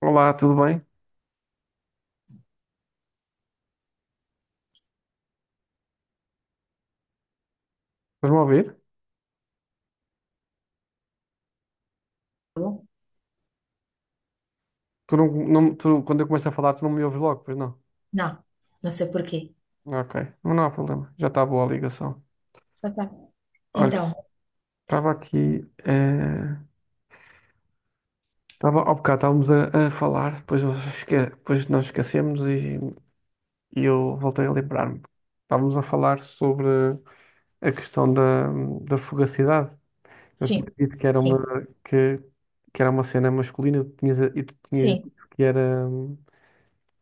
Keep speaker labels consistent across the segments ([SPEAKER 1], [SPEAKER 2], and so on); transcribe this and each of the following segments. [SPEAKER 1] Olá, tudo bem? Estás-me a ouvir?
[SPEAKER 2] Eu?
[SPEAKER 1] Tu não, quando eu começo a falar, tu não me ouves logo, pois não?
[SPEAKER 2] Não, não sei por quê.
[SPEAKER 1] Ok, mas não há problema, já está boa a ligação.
[SPEAKER 2] Ah, tá.
[SPEAKER 1] Olha,
[SPEAKER 2] Então,
[SPEAKER 1] estava aqui, estava, ao bocado estávamos a falar, depois, depois nós esquecemos e eu voltei a lembrar-me. Estávamos a falar sobre a questão da fugacidade. Eu tinha
[SPEAKER 2] sim,
[SPEAKER 1] dito que era uma,
[SPEAKER 2] sim,
[SPEAKER 1] que, que era uma cena masculina e e tu tinhas
[SPEAKER 2] sim,
[SPEAKER 1] dito que era.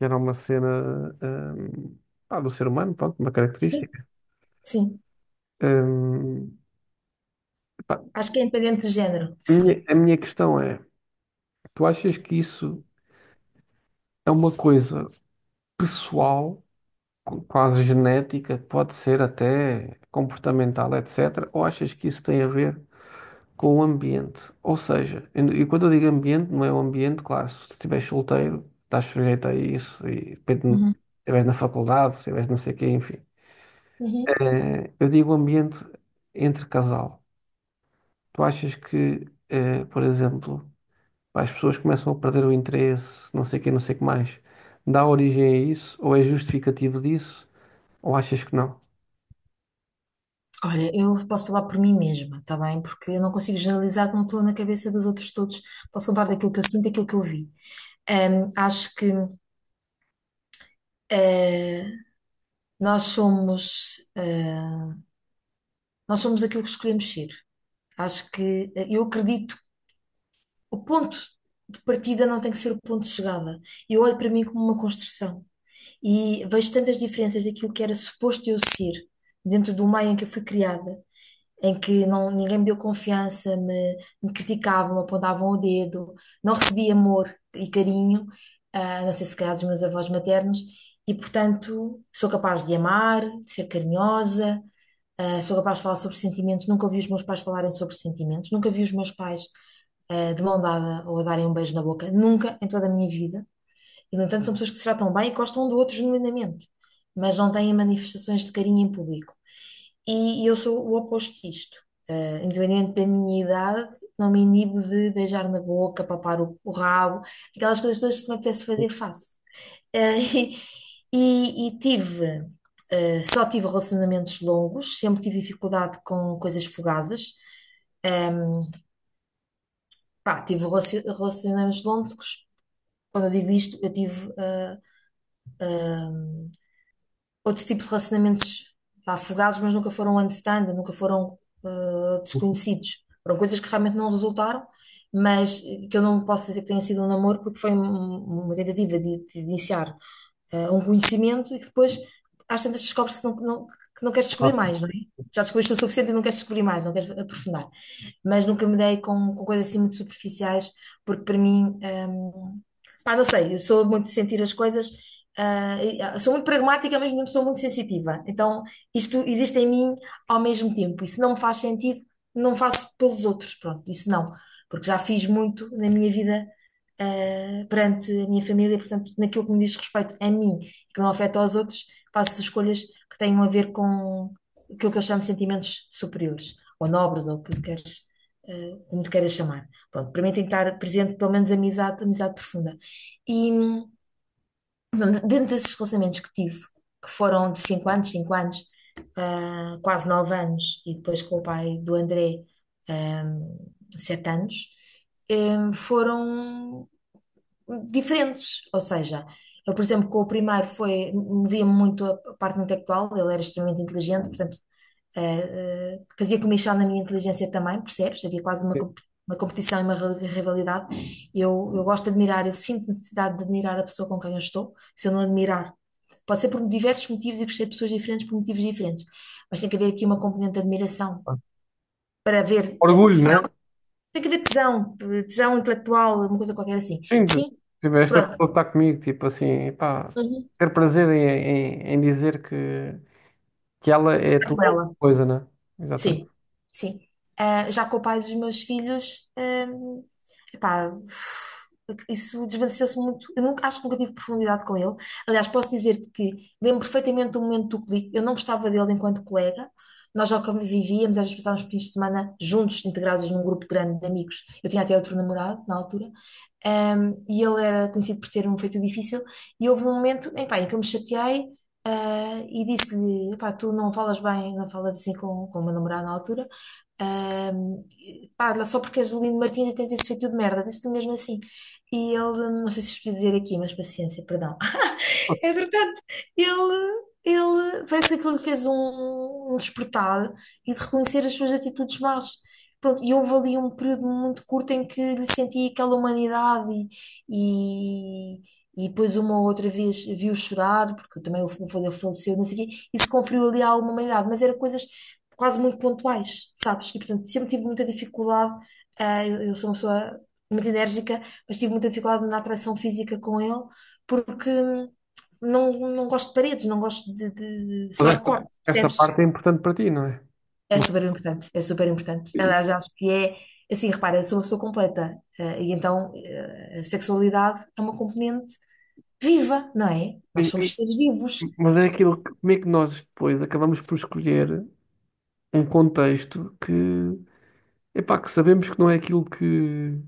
[SPEAKER 1] Era uma cena, pá, do ser humano, pronto, uma
[SPEAKER 2] sim,
[SPEAKER 1] característica.
[SPEAKER 2] sim.
[SPEAKER 1] Hum, pá,
[SPEAKER 2] Acho que é independente do género, sim.
[SPEAKER 1] a minha questão é, tu achas que isso é uma coisa pessoal, quase genética, pode ser até comportamental, etc., ou achas que isso tem a ver com o ambiente? Ou seja, e quando eu digo ambiente, não é o ambiente, claro, se estiveres solteiro, estás sujeito a isso, e depende, se
[SPEAKER 2] Uhum,
[SPEAKER 1] estiveres na faculdade, se estiveres não sei o quê, enfim.
[SPEAKER 2] uhum.
[SPEAKER 1] Eu digo ambiente entre casal. Tu achas que, por exemplo, as pessoas começam a perder o interesse, não sei quem, não sei o que mais, dá origem a isso? Ou é justificativo disso? Ou achas que não?
[SPEAKER 2] Olha, eu posso falar por mim mesma, tá bem? Porque eu não consigo generalizar, não estou na cabeça dos outros todos. Posso falar daquilo que eu sinto, daquilo que eu vi. Acho que eh, nós somos, eh, nós somos aquilo que escolhemos ser. Acho que eu acredito. O ponto de partida não tem que ser o ponto de chegada. Eu olho para mim como uma construção e vejo tantas diferenças daquilo que era suposto eu ser dentro do meio em que eu fui criada, em que não, ninguém me deu confiança, me criticavam, apontavam o dedo, não recebi amor e carinho, não sei se calhar dos meus avós maternos, e portanto sou capaz de amar, de ser carinhosa. Sou capaz de falar sobre sentimentos, nunca ouvi os meus pais falarem sobre sentimentos, nunca vi os meus pais de mão dada ou a darem um beijo na boca, nunca em toda a minha vida. E, no entanto, são pessoas que se tratam bem e gostam um do outro genuinamente, mas não têm manifestações de carinho em público. E eu sou o oposto disto. Independente da minha idade, não me inibo de beijar na boca, papar o rabo, aquelas coisas todas que se me apetece fazer, faço. Eh, E, e tive, só tive relacionamentos longos, sempre tive dificuldade com coisas fugazes. Ehm, Pá, tive relacionamentos longos. Quando eu digo isto, eu tive ehm, outro tipo de relacionamentos, pá, fugazes, mas nunca foram desconhecidos. Foram coisas que realmente não resultaram, mas que eu não posso dizer que tenha sido um namoro, porque foi uma tentativa de, iniciar um conhecimento e que depois às tantas descobre-se que que não queres descobrir mais, não é? Já descobriste o suficiente e não queres descobrir mais, não queres aprofundar, mas nunca me dei com coisas assim muito superficiais, porque para mim, hum, pá, não sei, eu sou muito de sentir as coisas, e, sou muito pragmática, mas mesmo sou muito sensitiva. Então, isto existe em mim ao mesmo tempo, e se não me faz sentido, não faço pelos outros, pronto, isso não, porque já fiz muito na minha vida, perante a minha família. Portanto, naquilo que me diz respeito a mim, que não afeta aos outros, faço escolhas que tenham a ver com aquilo que eu chamo de sentimentos superiores, ou nobres, ou o que queres como te queiras chamar. Pronto, para mim tem que estar presente pelo menos amizade, amizade profunda. E, dentro desses relacionamentos que tive, que foram de 5 anos, 5 anos, quase 9 anos, e depois com o pai do André, hum, 7 anos, foram diferentes. Ou seja, eu, por exemplo, com o primeiro foi, movia-me muito a parte intelectual, ele era extremamente inteligente, portanto, fazia comichão na minha inteligência também, percebes? Havia quase uma competição e uma rivalidade. Eu gosto de admirar, eu sinto necessidade de admirar a pessoa com quem eu estou, se eu não admirar. Pode ser por diversos motivos e gostei de pessoas diferentes por motivos diferentes, mas tem que haver aqui uma componente de admiração para haver
[SPEAKER 1] Orgulho,
[SPEAKER 2] tesão.
[SPEAKER 1] né?
[SPEAKER 2] Tem que haver tesão, intelectual, uma coisa qualquer assim.
[SPEAKER 1] Sim,
[SPEAKER 2] Sim,
[SPEAKER 1] tipo, esta
[SPEAKER 2] pronto.
[SPEAKER 1] pessoa está comigo, tipo assim, pá,
[SPEAKER 2] Uhum.
[SPEAKER 1] ter prazer em dizer que ela é a
[SPEAKER 2] Está
[SPEAKER 1] tua
[SPEAKER 2] com
[SPEAKER 1] alguma
[SPEAKER 2] ela.
[SPEAKER 1] coisa, né? Exatamente.
[SPEAKER 2] Sim, sim. Ah, já com o pai dos meus filhos, epá, isso desvaneceu-se muito. Eu nunca, acho que nunca tive profundidade com ele. Aliás, posso dizer-te que lembro perfeitamente do momento do clique. Eu não gostava dele enquanto colega. Nós já convivíamos, às vezes passávamos fins de semana juntos, integrados num grupo grande de amigos. Eu tinha até outro namorado na altura. E ele era conhecido por ter um feito difícil. E houve um momento, epá, em que eu me chateei e disse-lhe, pá, tu não falas bem, não falas assim com o meu namorado na altura. Ah, e, pá, lá só porque és o Lino Martins e tens esse feito de merda, disse-lhe mesmo assim. E ele, não sei se isto podia dizer aqui, mas paciência, perdão. É verdade, ele parece que aquilo lhe fez um despertar e de reconhecer as suas atitudes más. Pronto, e houve ali um período muito curto em que lhe sentia aquela humanidade, e, e, e depois uma ou outra vez viu chorar, porque também o filho dele faleceu, não sei o quê, e se conferiu ali alguma humanidade, mas era coisas quase muito pontuais, sabes? E portanto sempre tive muita dificuldade. Eu sou uma pessoa muito enérgica, mas tive muita dificuldade na atração física com ele porque não, não gosto de paredes, não gosto de
[SPEAKER 1] Mas
[SPEAKER 2] só de cortes,
[SPEAKER 1] esta
[SPEAKER 2] percebes?
[SPEAKER 1] parte é importante para ti, não é?
[SPEAKER 2] É super importante, é super importante.
[SPEAKER 1] E-
[SPEAKER 2] Aliás, eu acho que é, assim, repara, eu sou uma pessoa completa, e então a sexualidade é uma componente viva, não é? Nós
[SPEAKER 1] e-
[SPEAKER 2] somos
[SPEAKER 1] e-
[SPEAKER 2] seres vivos.
[SPEAKER 1] mas é aquilo que, como é que nós depois acabamos por escolher. Um contexto que, epá, que sabemos que não é aquilo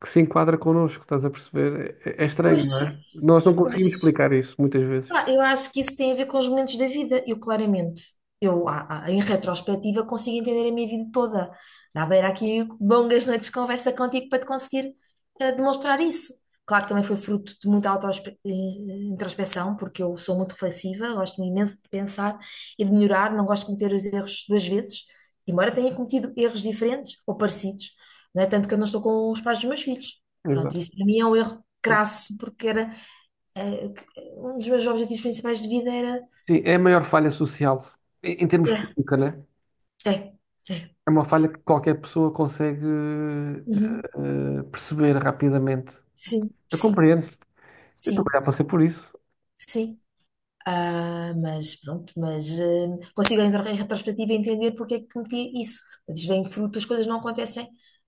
[SPEAKER 1] que se enquadra connosco, estás a perceber? É, é estranho,
[SPEAKER 2] Pois,
[SPEAKER 1] não é? Nós não conseguimos
[SPEAKER 2] pois.
[SPEAKER 1] explicar isso muitas vezes.
[SPEAKER 2] Ah, eu acho que isso tem a ver com os momentos da vida. Eu, claramente, eu, em retrospectiva, consigo entender a minha vida toda. Dá para ir aqui longas noites de conversa contigo para te conseguir demonstrar isso. Claro que também foi fruto de muita auto-introspeção, porque eu sou muito reflexiva, gosto imenso de pensar e de melhorar, não gosto de cometer os erros 2 vezes, embora tenha cometido erros diferentes ou parecidos, não é? Tanto que eu não estou com os pais dos meus filhos.
[SPEAKER 1] Exato.
[SPEAKER 2] Pronto, isso para mim é um erro crasso, porque era eh, que- um dos meus objetivos principais de vida era.
[SPEAKER 1] Sim, é a maior falha social, em termos
[SPEAKER 2] É,
[SPEAKER 1] pública, né?
[SPEAKER 2] é, é.
[SPEAKER 1] É uma falha que qualquer pessoa consegue
[SPEAKER 2] Uhum.
[SPEAKER 1] perceber rapidamente.
[SPEAKER 2] Sim,
[SPEAKER 1] Eu
[SPEAKER 2] sim,
[SPEAKER 1] compreendo. Eu também
[SPEAKER 2] sim,
[SPEAKER 1] já passei por isso.
[SPEAKER 2] sim. Mas pronto, mas consigo em retrospectiva entender porque é que cometi isso. Portanto, isto vem fruto, as coisas não acontecem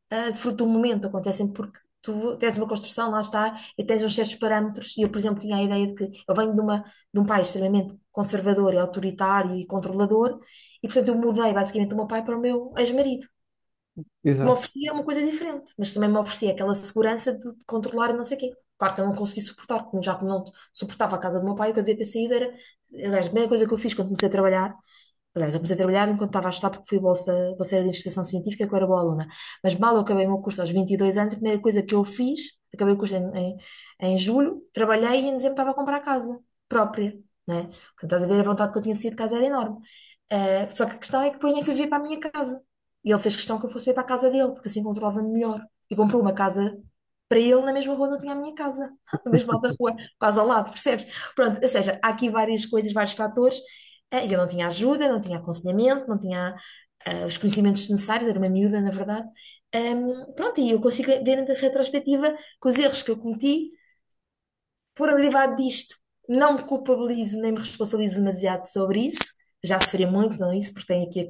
[SPEAKER 2] de fruto do momento, acontecem porque tu tens uma construção, lá está, e tens uns certos parâmetros. E eu, por exemplo, tinha a ideia de que eu venho de um pai extremamente conservador e autoritário e controlador, e portanto eu mudei basicamente o meu pai para o meu ex-marido. Me
[SPEAKER 1] Exato,
[SPEAKER 2] oferecia é uma coisa diferente, mas também me oferecia aquela segurança de controlar e não sei o quê. Claro que eu não consegui suportar, como já que não suportava a casa do meu pai, o que eu devia ter saído era. Aliás, a primeira coisa que eu fiz quando comecei a trabalhar. Aliás, eu comecei a trabalhar enquanto estava a estudar, porque fui bolseira de investigação científica, que eu era boa aluna. Mas mal eu acabei o meu curso aos 22 anos, a primeira coisa que eu fiz, acabei o curso em julho, trabalhei e em dezembro estava a comprar casa própria, né? Portanto, estás a ver, a vontade que eu tinha de sair de casa era enorme. Só que a questão é que depois nem fui ver para a minha casa. E ele fez questão que eu fosse ver para a casa dele, porque assim controlava-me melhor. E comprou uma casa para ele na mesma rua onde eu tinha a minha casa, na mesma alta rua, quase ao lado, percebes? Pronto, ou seja, há aqui várias coisas, vários fatores, eu não tinha ajuda, não tinha aconselhamento, não tinha os conhecimentos necessários, era uma miúda, na verdade. Pronto, e eu consigo ver na retrospectiva que os erros que eu cometi foram derivados disto. Não me culpabilizo nem me responsabilizo demasiado sobre isso. Já sofri muito, não é isso, porque tenho aqui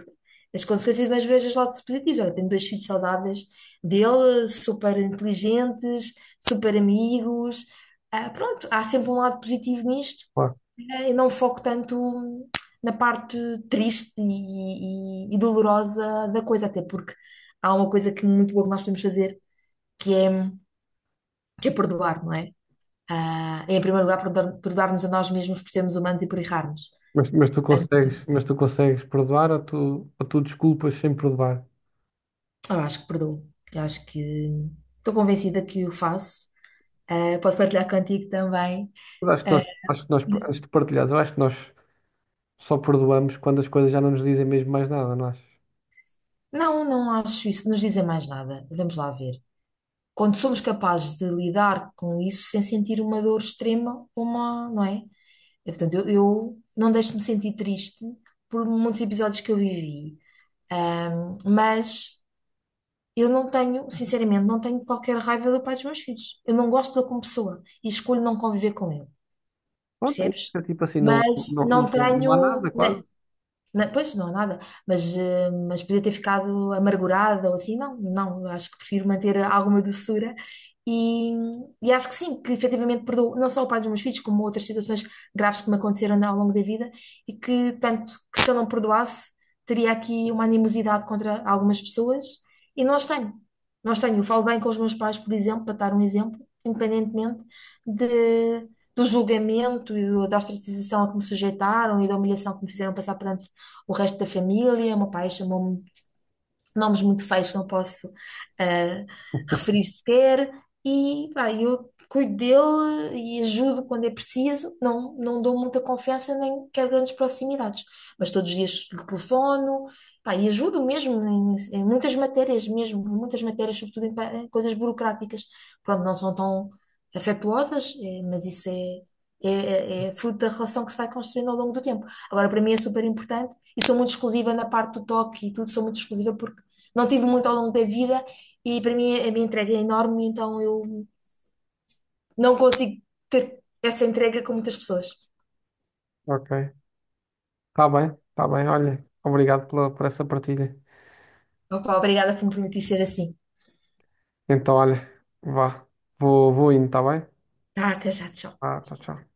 [SPEAKER 2] as consequências, mas vejo os lados positivos. Olha, tenho dois filhos saudáveis dele, super inteligentes, super amigos. Pronto, há sempre um lado positivo nisto
[SPEAKER 1] claro.
[SPEAKER 2] e não foco tanto na parte triste e dolorosa da coisa, até porque há uma coisa que é muito boa que nós podemos fazer, que é, que é, perdoar, não é? Em primeiro lugar, perdoar-nos a nós mesmos por sermos humanos e por errarmos.
[SPEAKER 1] Mas tu consegues perdoar ou tu desculpas sem perdoar?
[SPEAKER 2] Eu acho que perdoo. Eu acho que estou convencida que o faço. Posso partilhar contigo também.
[SPEAKER 1] Mas Acho que
[SPEAKER 2] Ah,
[SPEAKER 1] nós, acho que nós, antes de partilhares, eu acho que nós só perdoamos quando as coisas já não nos dizem mesmo mais nada, não achas?
[SPEAKER 2] não, não acho isso. Nos dizem mais nada. Vamos lá ver. Quando somos capazes de lidar com isso sem sentir uma dor extrema, uma, não é? Portanto, eu não deixo de me sentir triste por muitos episódios que eu vivi. Mas eu não tenho, sinceramente, não tenho qualquer raiva do pai dos meus filhos. Eu não gosto dele como pessoa e escolho não conviver com ele,
[SPEAKER 1] Pronto, aí
[SPEAKER 2] percebes?
[SPEAKER 1] fica tipo assim, não,
[SPEAKER 2] Mas
[SPEAKER 1] não, não,
[SPEAKER 2] não
[SPEAKER 1] não há
[SPEAKER 2] tenho,
[SPEAKER 1] nada
[SPEAKER 2] né?
[SPEAKER 1] quase.
[SPEAKER 2] Não, pois não há nada, mas podia ter ficado amargurada ou assim, não, não, acho que prefiro manter alguma doçura, e, e acho que sim, que efetivamente perdoo não só o pai dos meus filhos, como outras situações graves que me aconteceram ao longo da vida e que tanto que se eu não perdoasse, teria aqui uma animosidade contra algumas pessoas e não as tenho, não as tenho. Eu falo bem com os meus pais, por exemplo, para dar um exemplo, independentemente de do julgamento e da ostracização a que me sujeitaram e da humilhação que me fizeram passar perante o resto da família. O meu pai chamou-me nomes muito feios que não posso eh, referir sequer, e pá, eu cuido dele e ajudo quando é preciso, não, não dou muita confiança nem quero grandes proximidades, mas todos os dias lhe telefono, pá, e ajudo mesmo em muitas matérias mesmo, em muitas matérias, sobretudo em coisas burocráticas, pronto, não são tão afetuosas, mas isso é... É fruto da relação que se vai construindo ao longo do tempo. Agora, para mim é super importante e sou muito exclusiva na parte do toque e tudo, sou muito exclusiva porque não tive muito ao longo da vida e para mim a minha entrega é enorme, então eu não consigo ter essa entrega com muitas pessoas.
[SPEAKER 1] Ok, está bem, olha, obrigado pela, por essa partilha.
[SPEAKER 2] Opa, obrigada por me permitir ser assim.
[SPEAKER 1] Então, olha, vá. Vou indo, tá bem?
[SPEAKER 2] Tá, até já, tchau.
[SPEAKER 1] Ah, tchau, tchau.